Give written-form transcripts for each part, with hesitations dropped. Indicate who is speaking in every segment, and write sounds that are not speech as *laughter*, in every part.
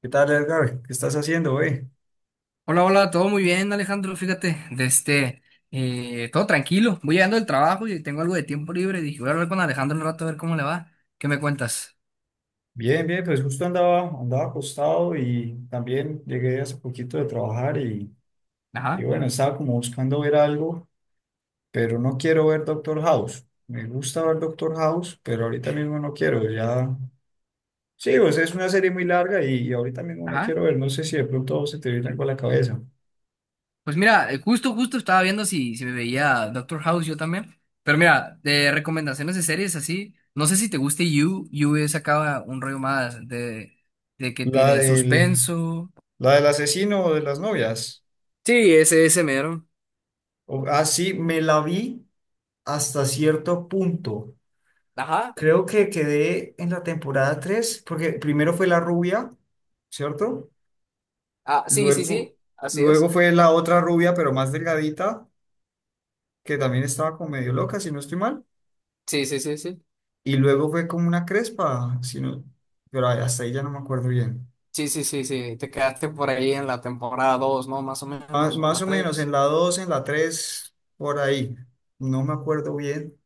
Speaker 1: ¿Qué tal, Edgar? ¿Qué estás haciendo, güey?
Speaker 2: Hola, hola, todo muy bien, Alejandro. Fíjate, todo tranquilo. Voy llegando del trabajo y tengo algo de tiempo libre. Dije, voy a hablar con Alejandro un rato a ver cómo le va. ¿Qué me cuentas?
Speaker 1: Bien, bien, pues justo andaba acostado y también llegué hace poquito de trabajar y,
Speaker 2: Ajá,
Speaker 1: bueno, estaba como buscando ver algo, pero no quiero ver Doctor House. Me gusta ver Doctor House, pero ahorita mismo no quiero, ya... Sí, pues es una serie muy larga y ahorita mismo no
Speaker 2: ajá.
Speaker 1: quiero ver, no sé si de pronto se te viene algo a la cabeza.
Speaker 2: Pues mira, justo estaba viendo si me veía Doctor House yo también. Pero mira, de recomendaciones de series así, no sé si te guste You. You es acá un rollo más de que
Speaker 1: La
Speaker 2: tire
Speaker 1: del,
Speaker 2: suspenso.
Speaker 1: la del asesino de las novias.
Speaker 2: Sí, ese mero.
Speaker 1: Sí, me la vi hasta cierto punto.
Speaker 2: Ajá.
Speaker 1: Creo que quedé en la temporada 3 porque primero fue la rubia, ¿cierto?
Speaker 2: Ah, sí, sí,
Speaker 1: Luego,
Speaker 2: sí. Así
Speaker 1: luego
Speaker 2: es.
Speaker 1: fue la otra rubia, pero más delgadita, que también estaba como medio loca, si no estoy mal.
Speaker 2: Sí, sí, sí, sí.
Speaker 1: Y luego fue como una crespa, pero hasta ahí ya no me acuerdo bien.
Speaker 2: Sí, sí, sí, sí, te quedaste por ahí en la temporada dos, ¿no? Más o menos, o la
Speaker 1: Más o menos en
Speaker 2: tres.
Speaker 1: la 2 en la 3 por ahí. No me acuerdo bien.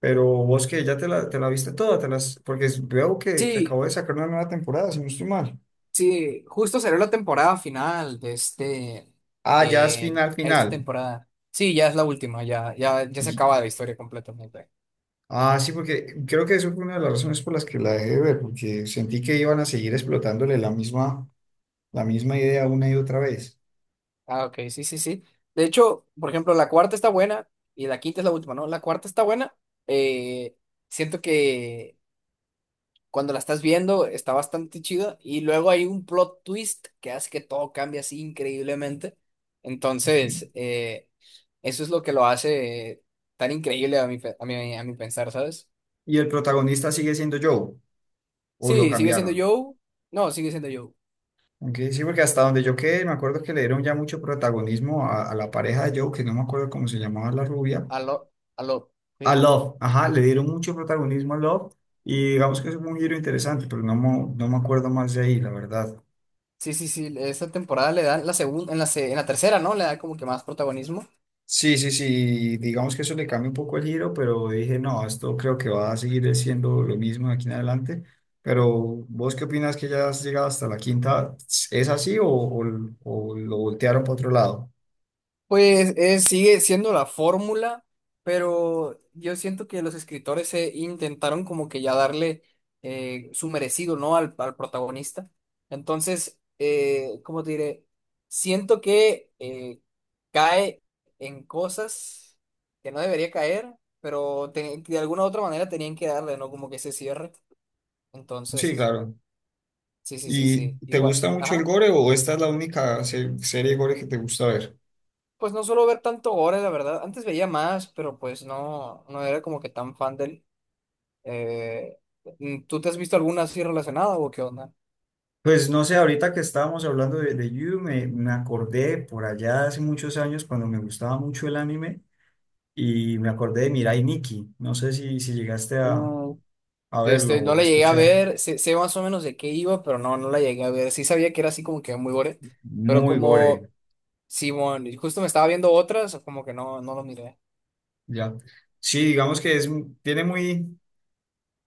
Speaker 1: Pero vos que ya te la viste toda, porque veo que
Speaker 2: Sí,
Speaker 1: acabo de sacar una nueva temporada, si no estoy mal.
Speaker 2: sí, justo salió la temporada final
Speaker 1: Ah, ya es final,
Speaker 2: esta
Speaker 1: final.
Speaker 2: temporada. Sí, ya es la última, ya, ya, ya se acaba la historia completamente.
Speaker 1: Ah, sí, porque creo que eso fue una de las razones por las que la dejé de ver, porque sentí que iban a seguir explotándole la misma idea una y otra vez.
Speaker 2: Ah, ok, sí, sí, sí. De hecho, por ejemplo, la cuarta está buena y la quinta es la última, ¿no? La cuarta está buena. eh, Siento que cuando la estás viendo está bastante chido y luego hay un plot twist que hace que todo cambie así increíblemente.
Speaker 1: Ok.
Speaker 2: Entonces, eso es lo que lo hace tan increíble a mi, pe- a mi pensar, ¿sabes?
Speaker 1: Y el protagonista sigue siendo Joe, o lo
Speaker 2: Sí, sigue siendo
Speaker 1: cambiaron.
Speaker 2: Joe. No, sigue siendo Joe.
Speaker 1: Aunque sí, porque hasta donde yo quedé, me acuerdo que le dieron ya mucho protagonismo a la pareja de Joe, que no me acuerdo cómo se llamaba la rubia,
Speaker 2: Aló, aló.
Speaker 1: a
Speaker 2: Sí,
Speaker 1: Love, ajá, le dieron mucho protagonismo a Love, y digamos que es un giro interesante, pero no, no me acuerdo más de ahí, la verdad.
Speaker 2: sí, sí, sí, esa temporada le dan la segunda, en la tercera, ¿no? Le da como que más protagonismo.
Speaker 1: Sí, sí, sí, digamos que eso le cambia un poco el giro, pero dije, no, esto creo que va a seguir siendo lo mismo de aquí en adelante. Pero, ¿vos qué opinas que ya has llegado hasta la quinta? ¿Es así o lo voltearon para otro lado?
Speaker 2: Pues sigue siendo la fórmula, pero yo siento que los escritores intentaron como que ya darle su merecido, ¿no? Al protagonista. Entonces, ¿cómo te diré? Siento que cae en cosas que no debería caer, pero de alguna u otra manera tenían que darle, ¿no? Como que ese cierre.
Speaker 1: Sí,
Speaker 2: Entonces,
Speaker 1: claro.
Speaker 2: sí, sí, sí,
Speaker 1: ¿Y
Speaker 2: sí.
Speaker 1: te
Speaker 2: Igual,
Speaker 1: gusta mucho el
Speaker 2: ajá.
Speaker 1: gore o esta es la única serie de gore que te gusta ver?
Speaker 2: Pues no suelo ver tanto gore, la verdad. Antes veía más, pero pues no era como que tan fan del. eh, ¿Tú te has visto alguna así relacionada o qué onda?
Speaker 1: Pues no sé, ahorita que estábamos hablando de You, me acordé por allá hace muchos años cuando me gustaba mucho el anime y me acordé de Mirai Nikki. No sé si llegaste
Speaker 2: Mm,
Speaker 1: a verlo
Speaker 2: No
Speaker 1: o a
Speaker 2: la llegué a
Speaker 1: escuchar.
Speaker 2: ver, sé más o menos de qué iba, pero no la llegué a ver. Sí sabía que era así como que muy gore, pero
Speaker 1: Muy
Speaker 2: como
Speaker 1: gore,
Speaker 2: Simón, y justo me estaba viendo otras, como que no lo miré.
Speaker 1: ya. Sí, digamos que tiene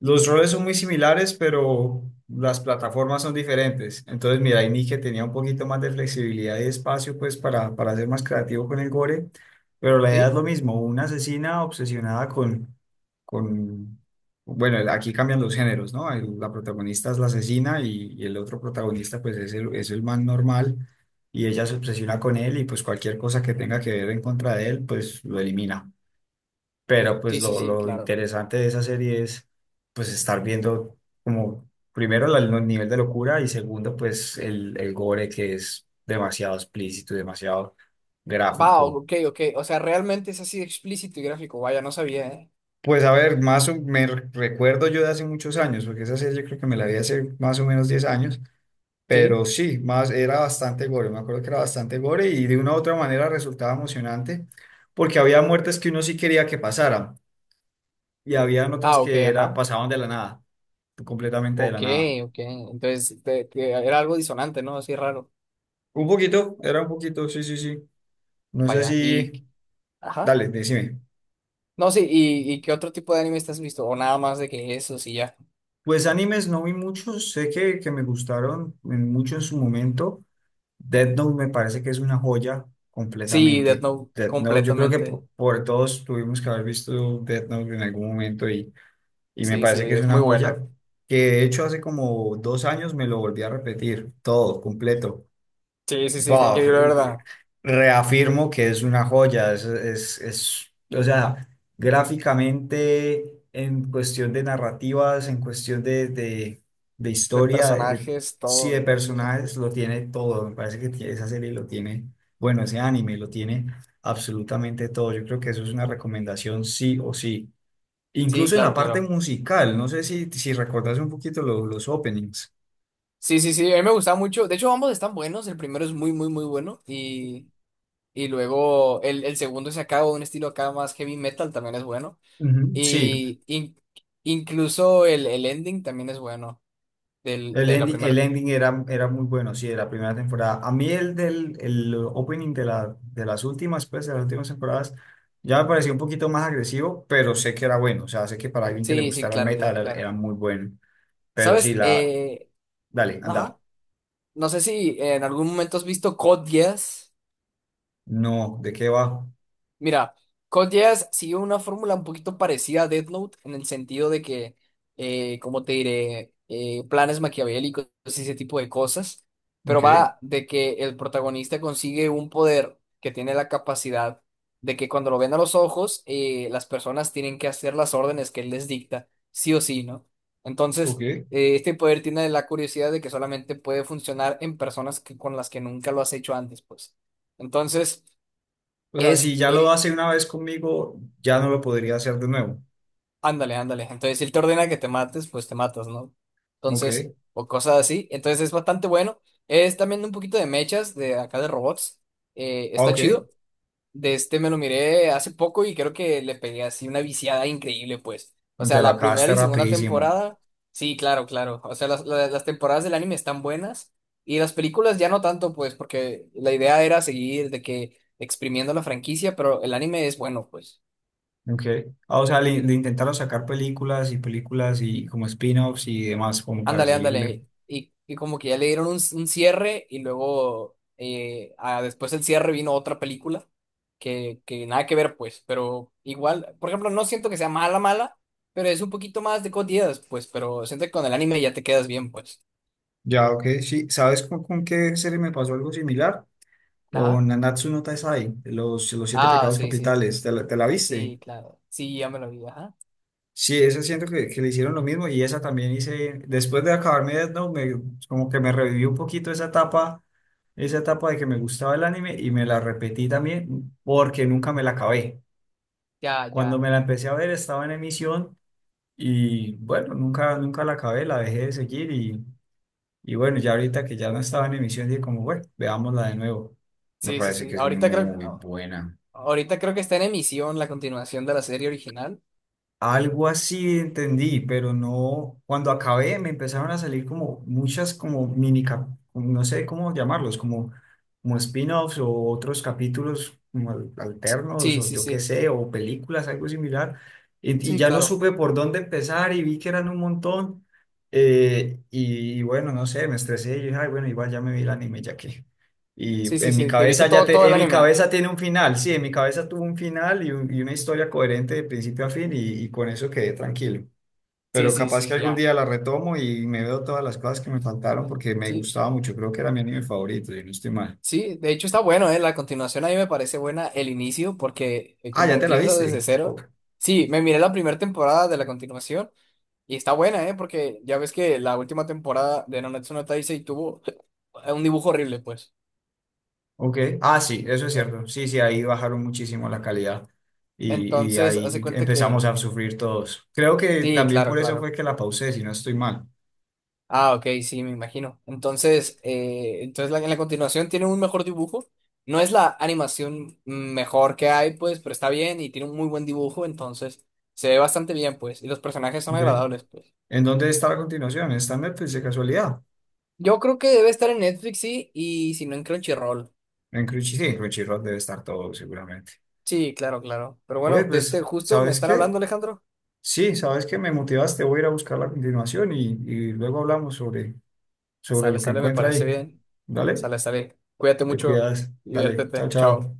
Speaker 1: los roles son muy similares, pero las plataformas son diferentes. Entonces, mira, hay Nick que tenía un poquito más de flexibilidad y espacio, pues, para ser más creativo con el gore, pero la idea es
Speaker 2: ¿Sí?
Speaker 1: lo mismo, una asesina obsesionada con, bueno, aquí cambian los géneros, ¿no? La protagonista es la asesina y el otro protagonista, pues, es el man normal y ella se obsesiona con él y, pues, cualquier cosa que tenga que ver en contra de él, pues, lo elimina. Pero pues
Speaker 2: Sí, sí, sí,
Speaker 1: lo
Speaker 2: claro.
Speaker 1: interesante de esa serie es pues estar viendo como primero la- el no, nivel de locura y segundo pues el gore que es demasiado explícito y demasiado
Speaker 2: Va,
Speaker 1: gráfico.
Speaker 2: ok, ok. O sea, realmente es así explícito y gráfico. Vaya, no sabía, ¿eh?
Speaker 1: Pues a ver, más o- me re- recuerdo yo de hace muchos años, porque esa serie yo creo que me la vi hace más o menos 10 años,
Speaker 2: ¿Sí?
Speaker 1: pero sí, más era bastante gore, me acuerdo que era bastante gore y de una u otra manera resultaba emocionante porque había muertes que uno sí quería que pasaran, y habían otras
Speaker 2: Ah, ok,
Speaker 1: que era,
Speaker 2: ajá.
Speaker 1: pasaban de la nada, completamente de la
Speaker 2: Ok,
Speaker 1: nada.
Speaker 2: ok. Entonces, era algo disonante, ¿no? Así raro.
Speaker 1: Un poquito, era un poquito, sí, sí, sí. No sé
Speaker 2: Vaya. Y,
Speaker 1: si,
Speaker 2: ajá.
Speaker 1: dale, decime.
Speaker 2: No, sí, ¿y qué otro tipo de anime te has visto? O nada más de que eso, sí, ya.
Speaker 1: Pues animes no vi muchos, sé que me gustaron en mucho en su momento. Death Note me parece que es una joya
Speaker 2: Sí, Death
Speaker 1: completamente.
Speaker 2: Note,
Speaker 1: Death Note, yo creo que
Speaker 2: completamente.
Speaker 1: todos tuvimos que haber visto Death Note en algún momento y, me
Speaker 2: Sí, sí,
Speaker 1: parece que es
Speaker 2: es
Speaker 1: una
Speaker 2: muy
Speaker 1: joya
Speaker 2: bueno.
Speaker 1: que de hecho hace como 2 años me lo volví a repetir todo, completo.
Speaker 2: Sí, sí, sí, está
Speaker 1: Buff,
Speaker 2: increíble, la ¿verdad?
Speaker 1: reafirmo que es una joya, o sea, gráficamente, en cuestión de narrativas, en cuestión de
Speaker 2: De
Speaker 1: historia, de,
Speaker 2: personajes,
Speaker 1: sí,
Speaker 2: todo
Speaker 1: de
Speaker 2: increíble.
Speaker 1: personajes, lo tiene todo, me parece que esa serie lo tiene, bueno, ese anime lo tiene absolutamente todo, yo creo que eso es una recomendación sí o sí,
Speaker 2: Sí,
Speaker 1: incluso en
Speaker 2: claro,
Speaker 1: la parte
Speaker 2: claro.
Speaker 1: musical, no sé si recordás un poquito los openings.
Speaker 2: Sí, sí, sí, a mí me gustaba mucho. De hecho, ambos están buenos. El primero es muy, muy, muy bueno. Y luego el segundo se acaba de un estilo acá más heavy metal, también es bueno.
Speaker 1: Ujú, sí,
Speaker 2: Y incluso el ending también es bueno del,
Speaker 1: el
Speaker 2: de la
Speaker 1: ending, el
Speaker 2: primera.
Speaker 1: ending era, era muy bueno, sí, de la primera temporada. A mí el opening de las últimas, pues, de las últimas temporadas, ya me pareció un poquito más agresivo, pero sé que era bueno. O sea, sé que para alguien que le
Speaker 2: Sí, sí,
Speaker 1: gustara el
Speaker 2: claro,
Speaker 1: meta
Speaker 2: claro, claro.
Speaker 1: era muy bueno. Pero sí,
Speaker 2: ¿Sabes?
Speaker 1: la... Dale, anda.
Speaker 2: Ajá. No sé si en algún momento has visto Code Geass.
Speaker 1: No, ¿de qué va?
Speaker 2: Mira, Code Geass sigue una fórmula un poquito parecida a Death Note en el sentido de que, como te diré, planes maquiavélicos y ese tipo de cosas, pero
Speaker 1: Ok,
Speaker 2: va de que el protagonista consigue un poder que tiene la capacidad de que cuando lo ven a los ojos, las personas tienen que hacer las órdenes que él les dicta, sí o sí, ¿no?
Speaker 1: ok,
Speaker 2: Entonces, este poder tiene la curiosidad de que solamente puede funcionar en personas con las que nunca lo has hecho antes, pues. Entonces,
Speaker 1: o sea, si
Speaker 2: es...
Speaker 1: ya lo
Speaker 2: eh,
Speaker 1: hace una vez conmigo, ya no lo podría hacer de nuevo.
Speaker 2: ándale, ándale. Entonces, si él te ordena que te mates, pues te matas, ¿no? Entonces,
Speaker 1: Ok,
Speaker 2: o cosas así. Entonces, es bastante bueno. Es también un poquito de mechas de acá de robots.
Speaker 1: ah,
Speaker 2: Está
Speaker 1: ok.
Speaker 2: chido. De este me lo miré hace poco y creo que le pegué así una viciada increíble, pues. O sea,
Speaker 1: Te lo
Speaker 2: la primera
Speaker 1: acabaste
Speaker 2: y segunda
Speaker 1: rapidísimo.
Speaker 2: temporada, sí, claro, claro. O sea, las temporadas del anime están buenas y las películas ya no tanto, pues, porque la idea era seguir de que exprimiendo la franquicia, pero el anime es bueno, pues.
Speaker 1: Okay. Ah, o sea, le intentaron sacar películas y películas y como spin-offs y demás, como para
Speaker 2: Ándale,
Speaker 1: seguirle.
Speaker 2: ándale. Y como que ya le dieron un cierre y luego después del cierre vino otra película que nada que ver, pues, pero igual, por ejemplo, no siento que sea mala, mala, pero es un poquito más de cotidianas, pues, pero siento que con el anime ya te quedas bien, pues.
Speaker 1: Ya, ok, sí. ¿Sabes con qué serie me pasó algo similar?
Speaker 2: Ajá.
Speaker 1: Con Nanatsu no Taizai, los siete
Speaker 2: Ah,
Speaker 1: pecados
Speaker 2: sí, sí,
Speaker 1: capitales. Te la viste?
Speaker 2: sí, claro. Sí, ya me lo vi, ajá.
Speaker 1: Sí, esa siento que le hicieron lo mismo y esa también hice, después de acabarme Death Note, me, como que me revivió un poquito esa etapa de que me gustaba el anime y me la repetí también porque nunca me la acabé.
Speaker 2: Ya,
Speaker 1: Cuando
Speaker 2: ya.
Speaker 1: me la empecé a ver estaba en emisión. Y bueno, nunca, nunca la acabé, la dejé de seguir y, bueno, ya ahorita que ya no estaba en emisión, dije como, bueno, veámosla de nuevo. Me
Speaker 2: Sí, sí,
Speaker 1: parece
Speaker 2: sí.
Speaker 1: que es
Speaker 2: Ahorita
Speaker 1: muy
Speaker 2: creo,
Speaker 1: buena.
Speaker 2: ahorita creo que está en emisión la continuación de la serie original.
Speaker 1: Algo así entendí, pero no, cuando acabé me empezaron a salir como muchas como no sé cómo llamarlos, como, como spin-offs o otros capítulos como alternos
Speaker 2: Sí,
Speaker 1: o
Speaker 2: sí,
Speaker 1: yo qué
Speaker 2: sí.
Speaker 1: sé, o películas, algo similar. Y
Speaker 2: Sí,
Speaker 1: ya no
Speaker 2: claro.
Speaker 1: supe por dónde empezar y vi que eran un montón. Bueno, no sé, me estresé y dije, ay, bueno, igual ya me vi el anime ya que. Y
Speaker 2: Sí, sí,
Speaker 1: en mi
Speaker 2: sí. ¿Te viste
Speaker 1: cabeza
Speaker 2: todo el
Speaker 1: en mi
Speaker 2: anime?
Speaker 1: cabeza tiene un final, sí, en mi cabeza tuvo un final y una historia coherente de principio a fin y con eso quedé tranquilo.
Speaker 2: Sí,
Speaker 1: Pero
Speaker 2: sí,
Speaker 1: capaz
Speaker 2: sí,
Speaker 1: que algún
Speaker 2: ya.
Speaker 1: día la retomo y me veo todas las cosas que me faltaron porque me
Speaker 2: Sí,
Speaker 1: gustaba mucho, creo que era mi anime favorito, y no estoy mal.
Speaker 2: sí, de hecho está bueno, ¿eh? La continuación a mí me parece buena el inicio porque
Speaker 1: Ah,
Speaker 2: como
Speaker 1: ¿ya te la
Speaker 2: empieza desde
Speaker 1: viste?
Speaker 2: cero.
Speaker 1: Ok.
Speaker 2: Sí, me miré la primera temporada de la continuación y está buena, ¿eh? Porque ya ves que la última temporada de Nanatsu no Taizai tuvo *laughs* un dibujo horrible, pues.
Speaker 1: Ok. Ah, sí, eso es
Speaker 2: Eh,
Speaker 1: cierto. Sí, sí, ahí bajaron muchísimo la calidad y,
Speaker 2: Entonces, hace
Speaker 1: ahí
Speaker 2: cuenta
Speaker 1: empezamos
Speaker 2: que...
Speaker 1: a sufrir todos. Creo que
Speaker 2: Sí,
Speaker 1: también
Speaker 2: claro,
Speaker 1: por eso
Speaker 2: claro.
Speaker 1: fue que la pausé, si no estoy mal.
Speaker 2: Ah, ok, sí, me imagino. Entonces, en la continuación tiene un mejor dibujo. No es la animación mejor que hay, pues, pero está bien y tiene un muy buen dibujo, entonces se ve bastante bien, pues, y los personajes son
Speaker 1: Ok.
Speaker 2: agradables, pues.
Speaker 1: ¿En dónde está la continuación? ¿Está en Netflix de casualidad?
Speaker 2: Yo creo que debe estar en Netflix, sí, y si no en Crunchyroll.
Speaker 1: En Crunchy, sí, en Crunchyroll debe estar todo seguramente.
Speaker 2: Sí, claro, claro. Pero bueno,
Speaker 1: Oye,
Speaker 2: de este
Speaker 1: pues,
Speaker 2: justo me
Speaker 1: ¿sabes
Speaker 2: están hablando,
Speaker 1: qué?
Speaker 2: Alejandro.
Speaker 1: Sí, ¿sabes qué? Me motivaste, voy a ir a buscar la continuación y, luego hablamos sobre
Speaker 2: Sale,
Speaker 1: lo que
Speaker 2: sale, me
Speaker 1: encuentra
Speaker 2: parece
Speaker 1: ahí.
Speaker 2: bien.
Speaker 1: Dale,
Speaker 2: Sale, sale. Cuídate
Speaker 1: te
Speaker 2: mucho,
Speaker 1: cuidas, dale, chao,
Speaker 2: diviértete. Chao.
Speaker 1: chao.